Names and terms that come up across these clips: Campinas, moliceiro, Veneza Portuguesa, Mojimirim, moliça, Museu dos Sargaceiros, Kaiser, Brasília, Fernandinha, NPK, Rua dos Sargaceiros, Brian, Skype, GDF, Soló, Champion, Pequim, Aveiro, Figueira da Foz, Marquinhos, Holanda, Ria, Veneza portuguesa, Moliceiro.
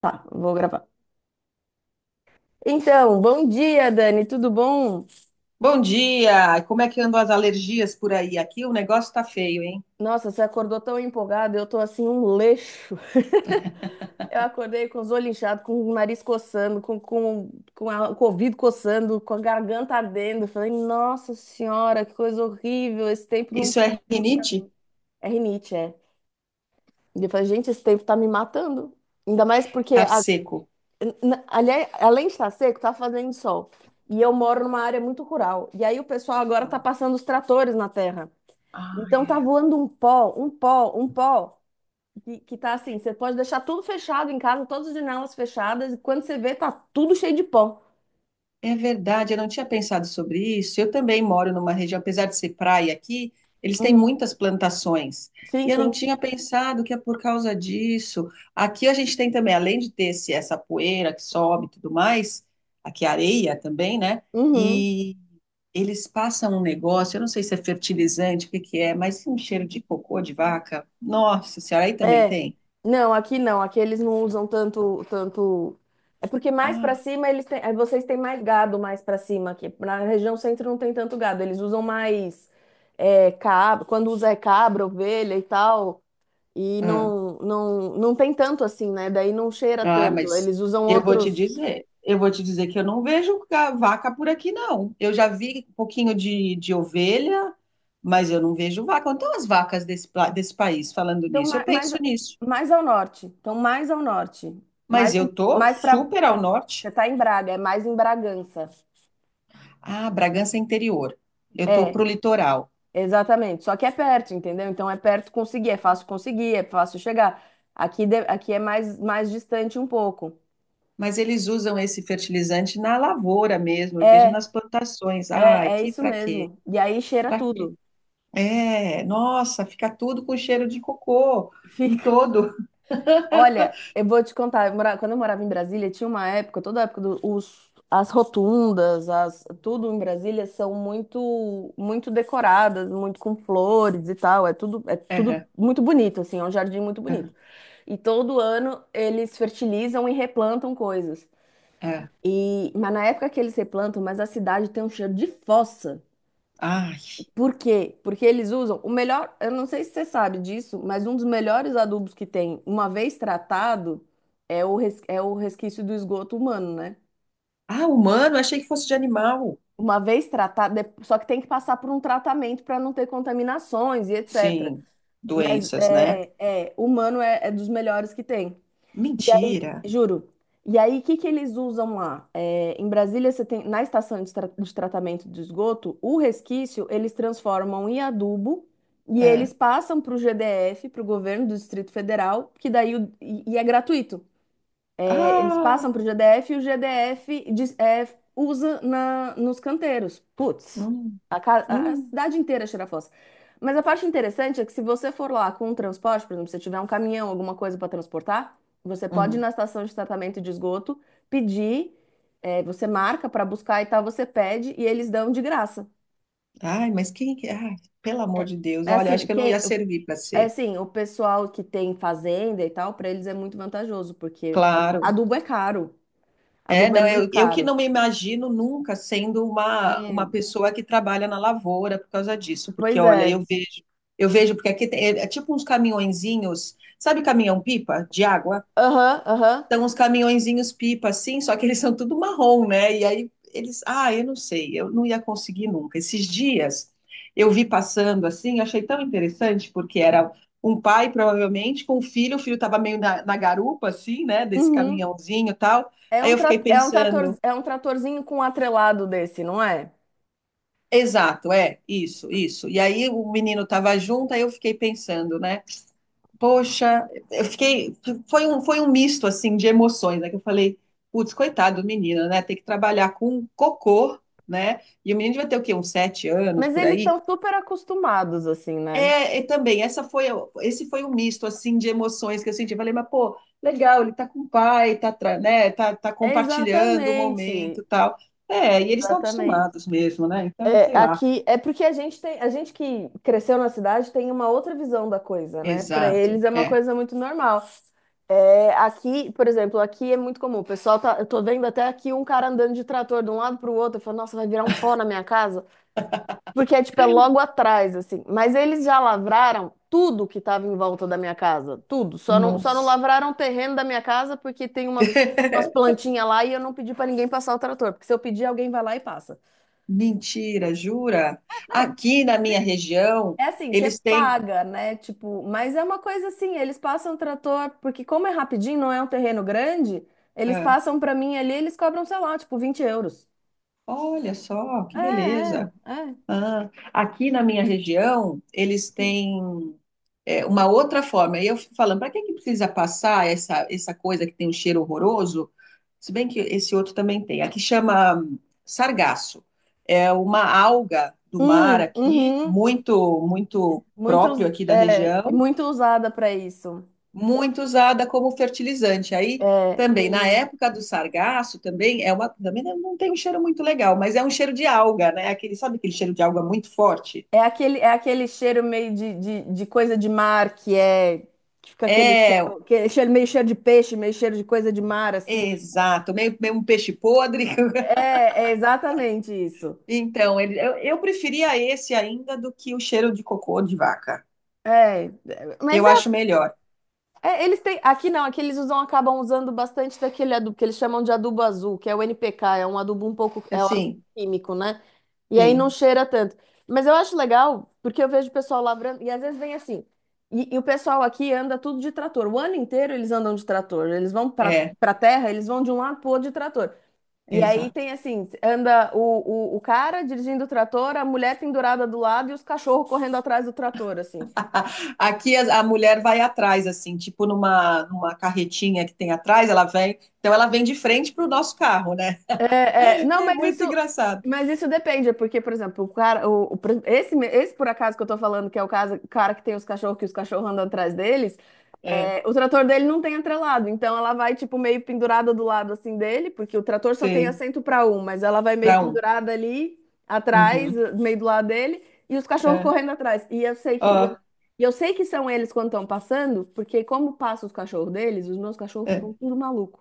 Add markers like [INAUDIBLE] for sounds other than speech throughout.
Tá, vou gravar. Então, bom dia, Dani, tudo bom? Bom dia! Como é que andam as alergias por aí? Aqui o negócio tá feio, hein? Nossa, você acordou tão empolgada, eu tô assim um leixo. [LAUGHS] Eu acordei com os olhos inchados, com o nariz coçando, com o ouvido coçando, com a garganta ardendo. Falei, nossa senhora, que coisa horrível, esse tempo não Isso tá é dando pra rinite? mim. É rinite, é. E eu falei, gente, esse tempo tá me matando. Ainda mais porque Tá a- seco. na- Aliás, além de estar seco, tá fazendo sol. E eu moro numa área muito rural. E aí o pessoal agora tá passando os tratores na terra. Ah, Então tá é. voando um pó, que tá assim, você pode deixar tudo fechado em casa, todas as janelas fechadas, e quando você vê, tá tudo cheio de pó. É verdade, eu não tinha pensado sobre isso. Eu também moro numa região, apesar de ser praia aqui, eles têm Uhum. muitas plantações. Sim, E eu não sim. tinha pensado que é por causa disso. Aqui a gente tem também, além de ter essa poeira que sobe e tudo mais, aqui a areia também, né? Uhum. E eles passam um negócio, eu não sei se é fertilizante, o que que é, mas um cheiro de cocô de vaca. Nossa senhora, aí também É. tem. Não, aqui não. Aqui eles não usam tanto. É porque mais para Ah, cima eles têm, vocês têm mais gado mais para cima aqui. Na região centro não tem tanto gado. Eles usam mais é, cabra. Quando usa é cabra, ovelha e tal. E ah. Não tem tanto assim, né? Daí não cheira Ah, tanto. mas Eles usam eu vou te outros. dizer, eu vou te dizer que eu não vejo vaca por aqui, não. Eu já vi um pouquinho de ovelha, mas eu não vejo vaca. Então, as vacas desse país, falando Então nisso, eu ma- mais, penso nisso. Mais ao norte. Então mais ao norte. Mais, Mas em- eu tô Mais para. super ao norte. Você tá em Braga, é mais em Bragança. Ah, Bragança é interior. Eu tô É. pro litoral. Exatamente, só que é perto, entendeu? Então é perto conseguir, é fácil chegar. Aqui é mais distante um pouco. Mas eles usam esse fertilizante na lavoura mesmo. É, Eu vejo nas plantações. Ai, é que isso pra quê? mesmo. E aí cheira Pra quê? tudo. É, nossa, fica tudo com cheiro de cocô [LAUGHS] em Fica. todo. Olha, eu vou te contar, quando eu morava em Brasília, tinha uma época, toda a época as rotundas, as, tudo em Brasília são muito decoradas, muito com flores e tal, é tudo muito bonito assim, é um jardim muito É. bonito. E todo ano eles fertilizam e replantam coisas. É. Mas na época que eles replantam, mas a cidade tem um cheiro de fossa. Ai. Por quê? Porque eles usam o melhor, eu não sei se você sabe disso, mas um dos melhores adubos que tem, uma vez tratado, é é o resquício do esgoto humano, né? Ah, humano, achei que fosse de animal. Uma vez tratado, só que tem que passar por um tratamento para não ter contaminações e etc. Sim, Mas doenças, né? é, é, humano é, é dos melhores que tem. E aí, Mentira. juro. E aí, o que que eles usam lá? É, em Brasília, você tem, na estação de tratamento de esgoto, o resquício eles transformam em adubo e É. eles passam para o GDF, para o governo do Distrito Federal, que daí e é gratuito. Eles Ah, passam para o GDF e o GDF diz- é, usa na, nos canteiros. Putz, hum, a hum, cidade inteira cheira a fossa. Mas a parte interessante é que se você for lá com um transporte, por exemplo, se tiver um caminhão, alguma coisa para transportar, você pode ir hum. na estação de tratamento de esgoto, pedir, é, você marca para buscar e tal, você pede e eles dão de graça. Ai, mas quem que. Ai, pelo É amor de Deus, é olha, assim, acho que eu não ia quem, servir para é ser. assim, o pessoal que tem fazenda e tal, para eles é muito vantajoso, porque Claro. adubo é caro. É, Adubo é não, muito eu que caro. não me imagino nunca sendo uma É, pessoa que trabalha na lavoura por causa disso, porque pois olha, é. eu vejo, porque aqui é tipo uns caminhõezinhos, sabe caminhão-pipa de água? Aham, aham. São uns caminhõezinhos pipa, assim, só que eles são tudo marrom, né? E aí eles, ah, eu não sei, eu não ia conseguir nunca. Esses dias eu vi passando assim, achei tão interessante, porque era um pai, provavelmente, com o filho estava meio na garupa, assim, né? Desse Uhum. caminhãozinho e tal. É Aí um, eu fiquei é um trator, pensando, é um tratorzinho com um atrelado desse, não é? exato, é, isso, isso. E aí o menino estava junto, aí eu fiquei pensando, né? Poxa, eu fiquei. Foi um misto assim de emoções, né? Que eu falei, putz, coitado do menino, né? Tem que trabalhar com cocô, né? E o menino vai ter o quê? Uns 7 anos Mas por eles aí. estão super acostumados, assim, né? É, e também, esse foi um misto assim de emoções que eu senti. Eu falei, mas pô, legal, ele tá com o pai, tá, né? Tá, compartilhando o momento, Exatamente. e tal. É, e eles estão Exatamente. acostumados mesmo, né? Então, É, sei lá. aqui é porque a gente tem, a gente que cresceu na cidade tem uma outra visão da coisa, né? Para Exato. eles é uma É. coisa muito normal. É, aqui, por exemplo, aqui é muito comum. O pessoal tá, eu tô vendo até aqui um cara andando de trator de um lado para o outro, eu falo, nossa, vai virar um pó na minha casa. Porque é tipo, é logo atrás, assim. Mas eles já lavraram tudo que estava em volta da minha casa. Tudo. Só não Nossa. lavraram o terreno da minha casa porque tem umas plantinhas lá e eu não pedi para ninguém passar o trator. Porque se eu pedir, alguém vai lá e passa. Mentira, jura? É, Aqui na minha região, é assim, você eles têm. paga, né? Tipo, mas é uma coisa assim, eles passam o trator, porque como é rapidinho, não é um terreno grande, eles Ah, passam para mim ali, eles cobram, sei lá, tipo, 20 euros. olha só, que beleza. É. Ah, aqui na minha região, eles têm uma outra forma. E eu fico falando, para que que precisa passar essa coisa que tem um cheiro horroroso? Se bem que esse outro também tem. Aqui chama sargaço. É uma alga do mar aqui, Uhum. muito, muito próprio aqui da É, região muito usada para isso. muito usada como fertilizante. Aí É, também, na em- época do sargaço, também também não tem um cheiro muito legal, mas é um cheiro de alga, né? Aquele, sabe aquele cheiro de alga muito forte? É aquele cheiro meio de coisa de mar que é que fica aquele É, cheiro, meio cheiro de peixe, meio cheiro de coisa de mar assim. exato, meio um peixe podre. [LAUGHS] É, é exatamente isso. Então, eu preferia esse ainda do que o cheiro de cocô de vaca. É, mas Eu acho melhor. é, eles têm. Aqui não, aqui eles usam, acabam usando bastante daquele adubo que eles chamam de adubo azul, que é o NPK, é um adubo é um adubo Assim, químico, né? E aí não sim, cheira tanto. Mas eu acho legal, porque eu vejo o pessoal lavrando, e às vezes vem assim. E o pessoal aqui anda tudo de trator. O ano inteiro eles andam de trator. Eles vão é, para terra, eles vão de um lado pro outro de trator. E aí exato. tem assim, anda o cara dirigindo o trator, a mulher pendurada do lado e os cachorros correndo atrás do trator, assim. [LAUGHS] Aqui a mulher vai atrás, assim, tipo numa carretinha que tem atrás, então ela vem de frente para o nosso carro, né? É, é, não, É muito engraçado. mas isso depende, porque, por exemplo, o cara, o pre- esse, me- esse por acaso que eu tô falando, que é o caso, o cara que tem os cachorros, que os cachorros andam atrás deles, É, é, o trator dele não tem atrelado, então ela vai, tipo, meio pendurada do lado, assim, dele, porque o trator só tem sei. assento para um, mas ela vai meio Para um. pendurada ali, atrás, Uhum. meio do lado dele, e os cachorros É. correndo atrás, e eu sei que... Ó. e eu sei que são eles quando estão passando, porque como passam os cachorros deles, os meus cachorros É. ficam tudo malucos.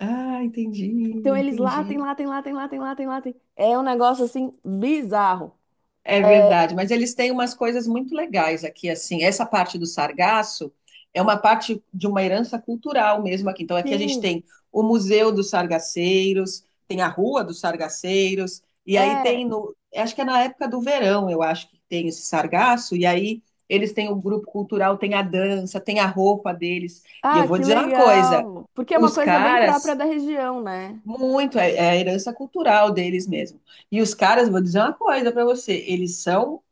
Ah, entendi, Então eles latem, entendi. latem, latem, latem, latem, latem. É um negócio assim bizarro. É verdade, mas eles têm umas coisas muito legais aqui, assim. Essa parte do sargaço é uma parte de uma herança cultural mesmo aqui. Então, aqui a gente Sim, tem o Museu dos Sargaceiros, tem a Rua dos Sargaceiros, e aí é. tem no, acho que é na época do verão, eu acho que tem esse sargaço, e aí eles têm o grupo cultural, tem a dança, tem a roupa deles. E eu Ah, vou que dizer uma coisa, legal. Porque é uma os coisa bem própria caras da região, né? muito, é a herança cultural deles mesmo. E os caras, vou dizer uma coisa para você, eles são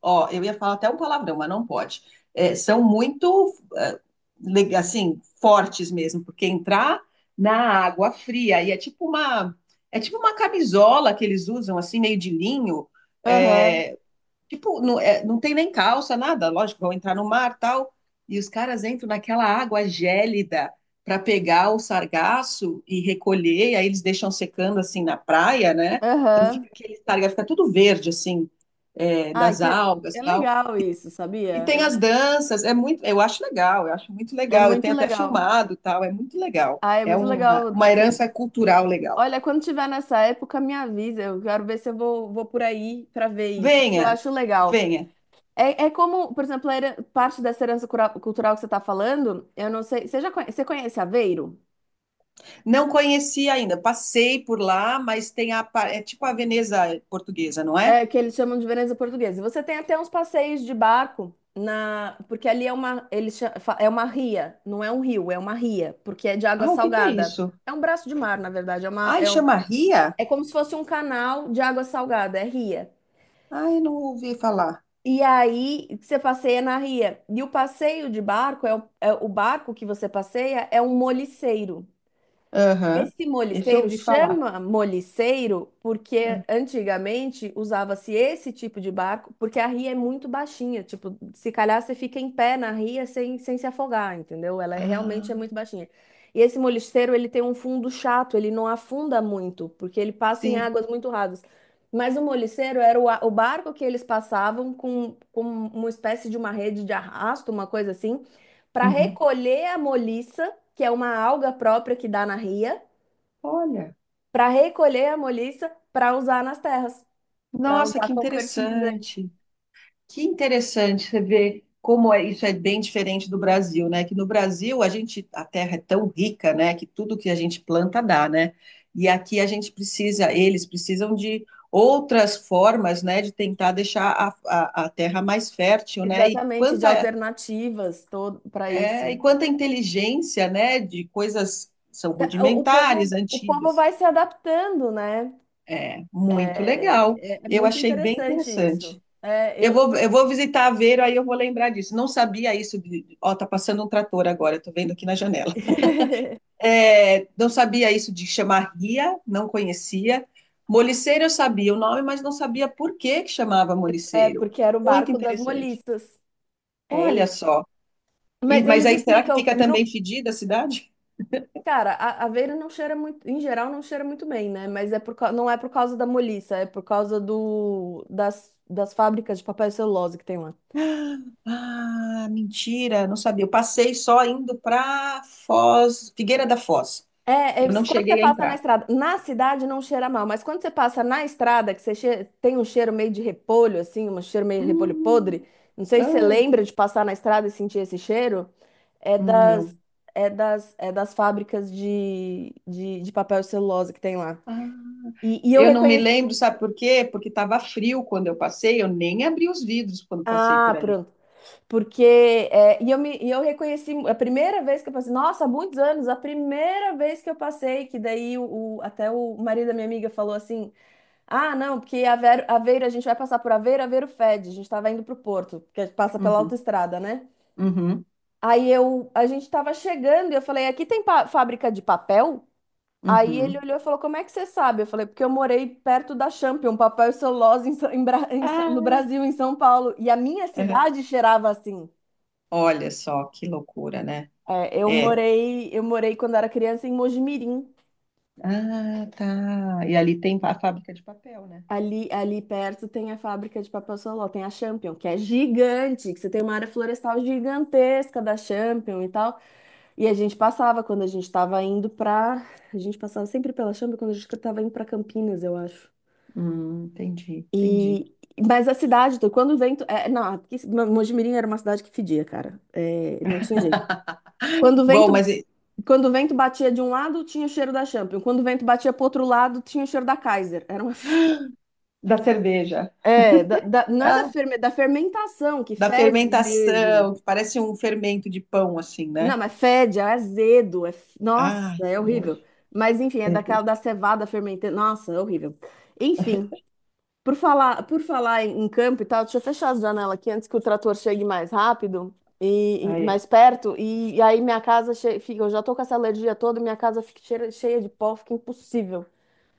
ó, eu ia falar até um palavrão, mas não pode. É, são muito, assim, fortes mesmo, porque entrar na água fria e é tipo uma camisola que eles usam, assim, meio de linho, Aham, é, Tipo, não, não tem nem calça, nada. Lógico, vão entrar no mar, tal. E os caras entram naquela água gélida para pegar o sargaço e recolher. E aí eles deixam secando assim na praia, né? Então fica aham. aquele sargaço, fica tudo verde assim, Ah, das que algas, é tal. legal isso, E sabia? tem as Eu- danças. É muito, eu acho legal. Eu acho muito É legal. Eu muito tenho até legal. filmado, tal. É muito legal. Ah, é É muito uma, legal. uma Se- herança cultural legal. Olha, quando tiver nessa época, me avisa. Eu quero ver se vou por aí para ver isso, porque eu Venha, acho legal. venha. É, é como, por exemplo, parte dessa herança cultural que você está falando, eu não sei. Você conhece Aveiro? Não conheci ainda, passei por lá, mas tem é tipo a Veneza portuguesa, não é? É, que eles chamam de Veneza Portuguesa. Você tem até uns passeios de barco na, porque ali é uma, é uma ria, não é um rio, é uma ria, porque é de água Ah, o que que é salgada. isso? É um braço de mar, na verdade, Ai, chama Ria? é como se fosse um canal de água salgada, é ria. Ai, não ouvi falar. E aí você passeia na ria. E o passeio de barco é é o barco que você passeia é um moliceiro. Aham. Esse Esse eu moliceiro ouvi falar. chama moliceiro porque antigamente usava-se esse tipo de barco, porque a ria é muito baixinha, tipo, se calhar você fica em pé na ria sem se afogar, entendeu? Ela é- realmente Ah, é muito baixinha. E esse moliceiro, ele tem um fundo chato, ele não afunda muito, porque ele passa em sim. águas muito rasas. Mas o moliceiro era o barco que eles passavam com uma espécie de uma rede de arrasto, uma coisa assim, para Uhum. recolher a moliça, que é uma alga própria que dá na ria, Olha, para recolher a moliça para usar nas terras, para nossa, usar que como fertilizante. interessante. Que interessante você ver como é, isso é bem diferente do Brasil, né? Que no Brasil a gente, a terra é tão rica, né? Que tudo que a gente planta dá, né? E aqui a gente precisa, eles precisam de outras formas, né? De tentar deixar a terra mais fértil, né? E Exatamente, de quanta, alternativas todo para é, isso. e quanta inteligência, né? De coisas que são O rudimentares, povo, o povo antigas. vai se adaptando, né? É, muito legal. É Eu muito achei bem interessante interessante. isso. É, Eu eu, vou, por- eu vou visitar a Vero, aí eu vou lembrar disso. Não sabia isso de. Ó, tá passando um trator agora, tô vendo aqui na janela. [LAUGHS] É, não sabia isso de chamar ria, não conhecia. Moliceiro eu sabia o nome, mas não sabia por que que chamava é moliceiro. porque era o Muito barco das interessante. moliças. É Olha isso. só. E, Mas mas eles aí será que explicam, fica no também fedida a cidade? cara, a aveira não cheira muito, em geral não cheira muito bem, né? Mas é não é por causa da moliça, é por causa das fábricas de papel e celulose que tem lá. Ah, mentira, não sabia. Eu passei só indo para Foz, Figueira da Foz. Eu não Quando você cheguei a passa na entrar. estrada, na cidade não cheira mal, mas quando você passa na estrada, que você che- tem um cheiro meio de repolho, assim, um cheiro meio de repolho podre, Hum, não sei se você ai, lembra de passar na estrada e sentir esse cheiro, é das, não. É das fábricas de papel e celulose que tem lá. Ah, E eu eu não me reconheci. lembro, sabe por quê? Porque estava frio quando eu passei, eu nem abri os vidros quando passei Ah, por ali. pronto. Porque e eu reconheci a primeira vez que eu passei, nossa, há muitos anos, a primeira vez que eu passei, que daí até o marido da minha amiga falou assim: ah, não, porque Aveiro, a gente vai passar por Aveiro, Aveiro fede, a gente estava indo para o Porto, porque passa pela Uhum, autoestrada, né? uhum, Aí eu, a gente estava chegando e eu falei: aqui tem pa- fábrica de papel? Aí ele uhum. olhou e falou: como é que você sabe? Eu falei: porque eu morei perto da Champion, papel e celulose no Ah, Brasil, em São Paulo, e a minha uhum. cidade cheirava assim. Olha só que loucura, né? É. Eu morei quando era criança em Mojimirim. Ah, tá. E ali tem a fábrica de papel, né? Ali perto tem a fábrica de papel Soló, tem a Champion, que é gigante, que você tem uma área florestal gigantesca da Champion e tal. E a gente passava quando a gente estava indo pra. A gente passava sempre pela Champion quando a gente estava indo pra Campinas, eu acho. Entendi, entendi. E mas a cidade, então, quando o vento, é, não, porque Mojimirim era uma cidade que fedia, cara. É, não tinha jeito. Quando o Bom, mas vento Quando o vento batia de um lado, tinha o cheiro da Champion. Quando o vento batia pro outro lado, tinha o cheiro da Kaiser. Era uma... [LAUGHS] da cerveja, não é da, ah, da fermentação, que da fede mesmo. fermentação, que parece um fermento de pão, assim, Não, né? mas fede, é azedo. Nossa, Ah, é que nojo. horrível. Mas enfim, é É. daquela da cevada fermentada. Nossa, é horrível. Enfim, por falar em, em campo e tal, deixa eu fechar as janelas aqui antes que o trator chegue mais rápido Ah, e é. mais perto. E aí minha casa che- fica. Eu já tô com essa alergia toda, minha casa cheia de pó, fica impossível.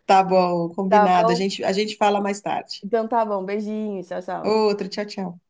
Tá bom, Tá combinado. A bom? gente, a gente fala mais tarde. Então tá bom, beijinhos, tchau, tchau. Outro, tchau, tchau.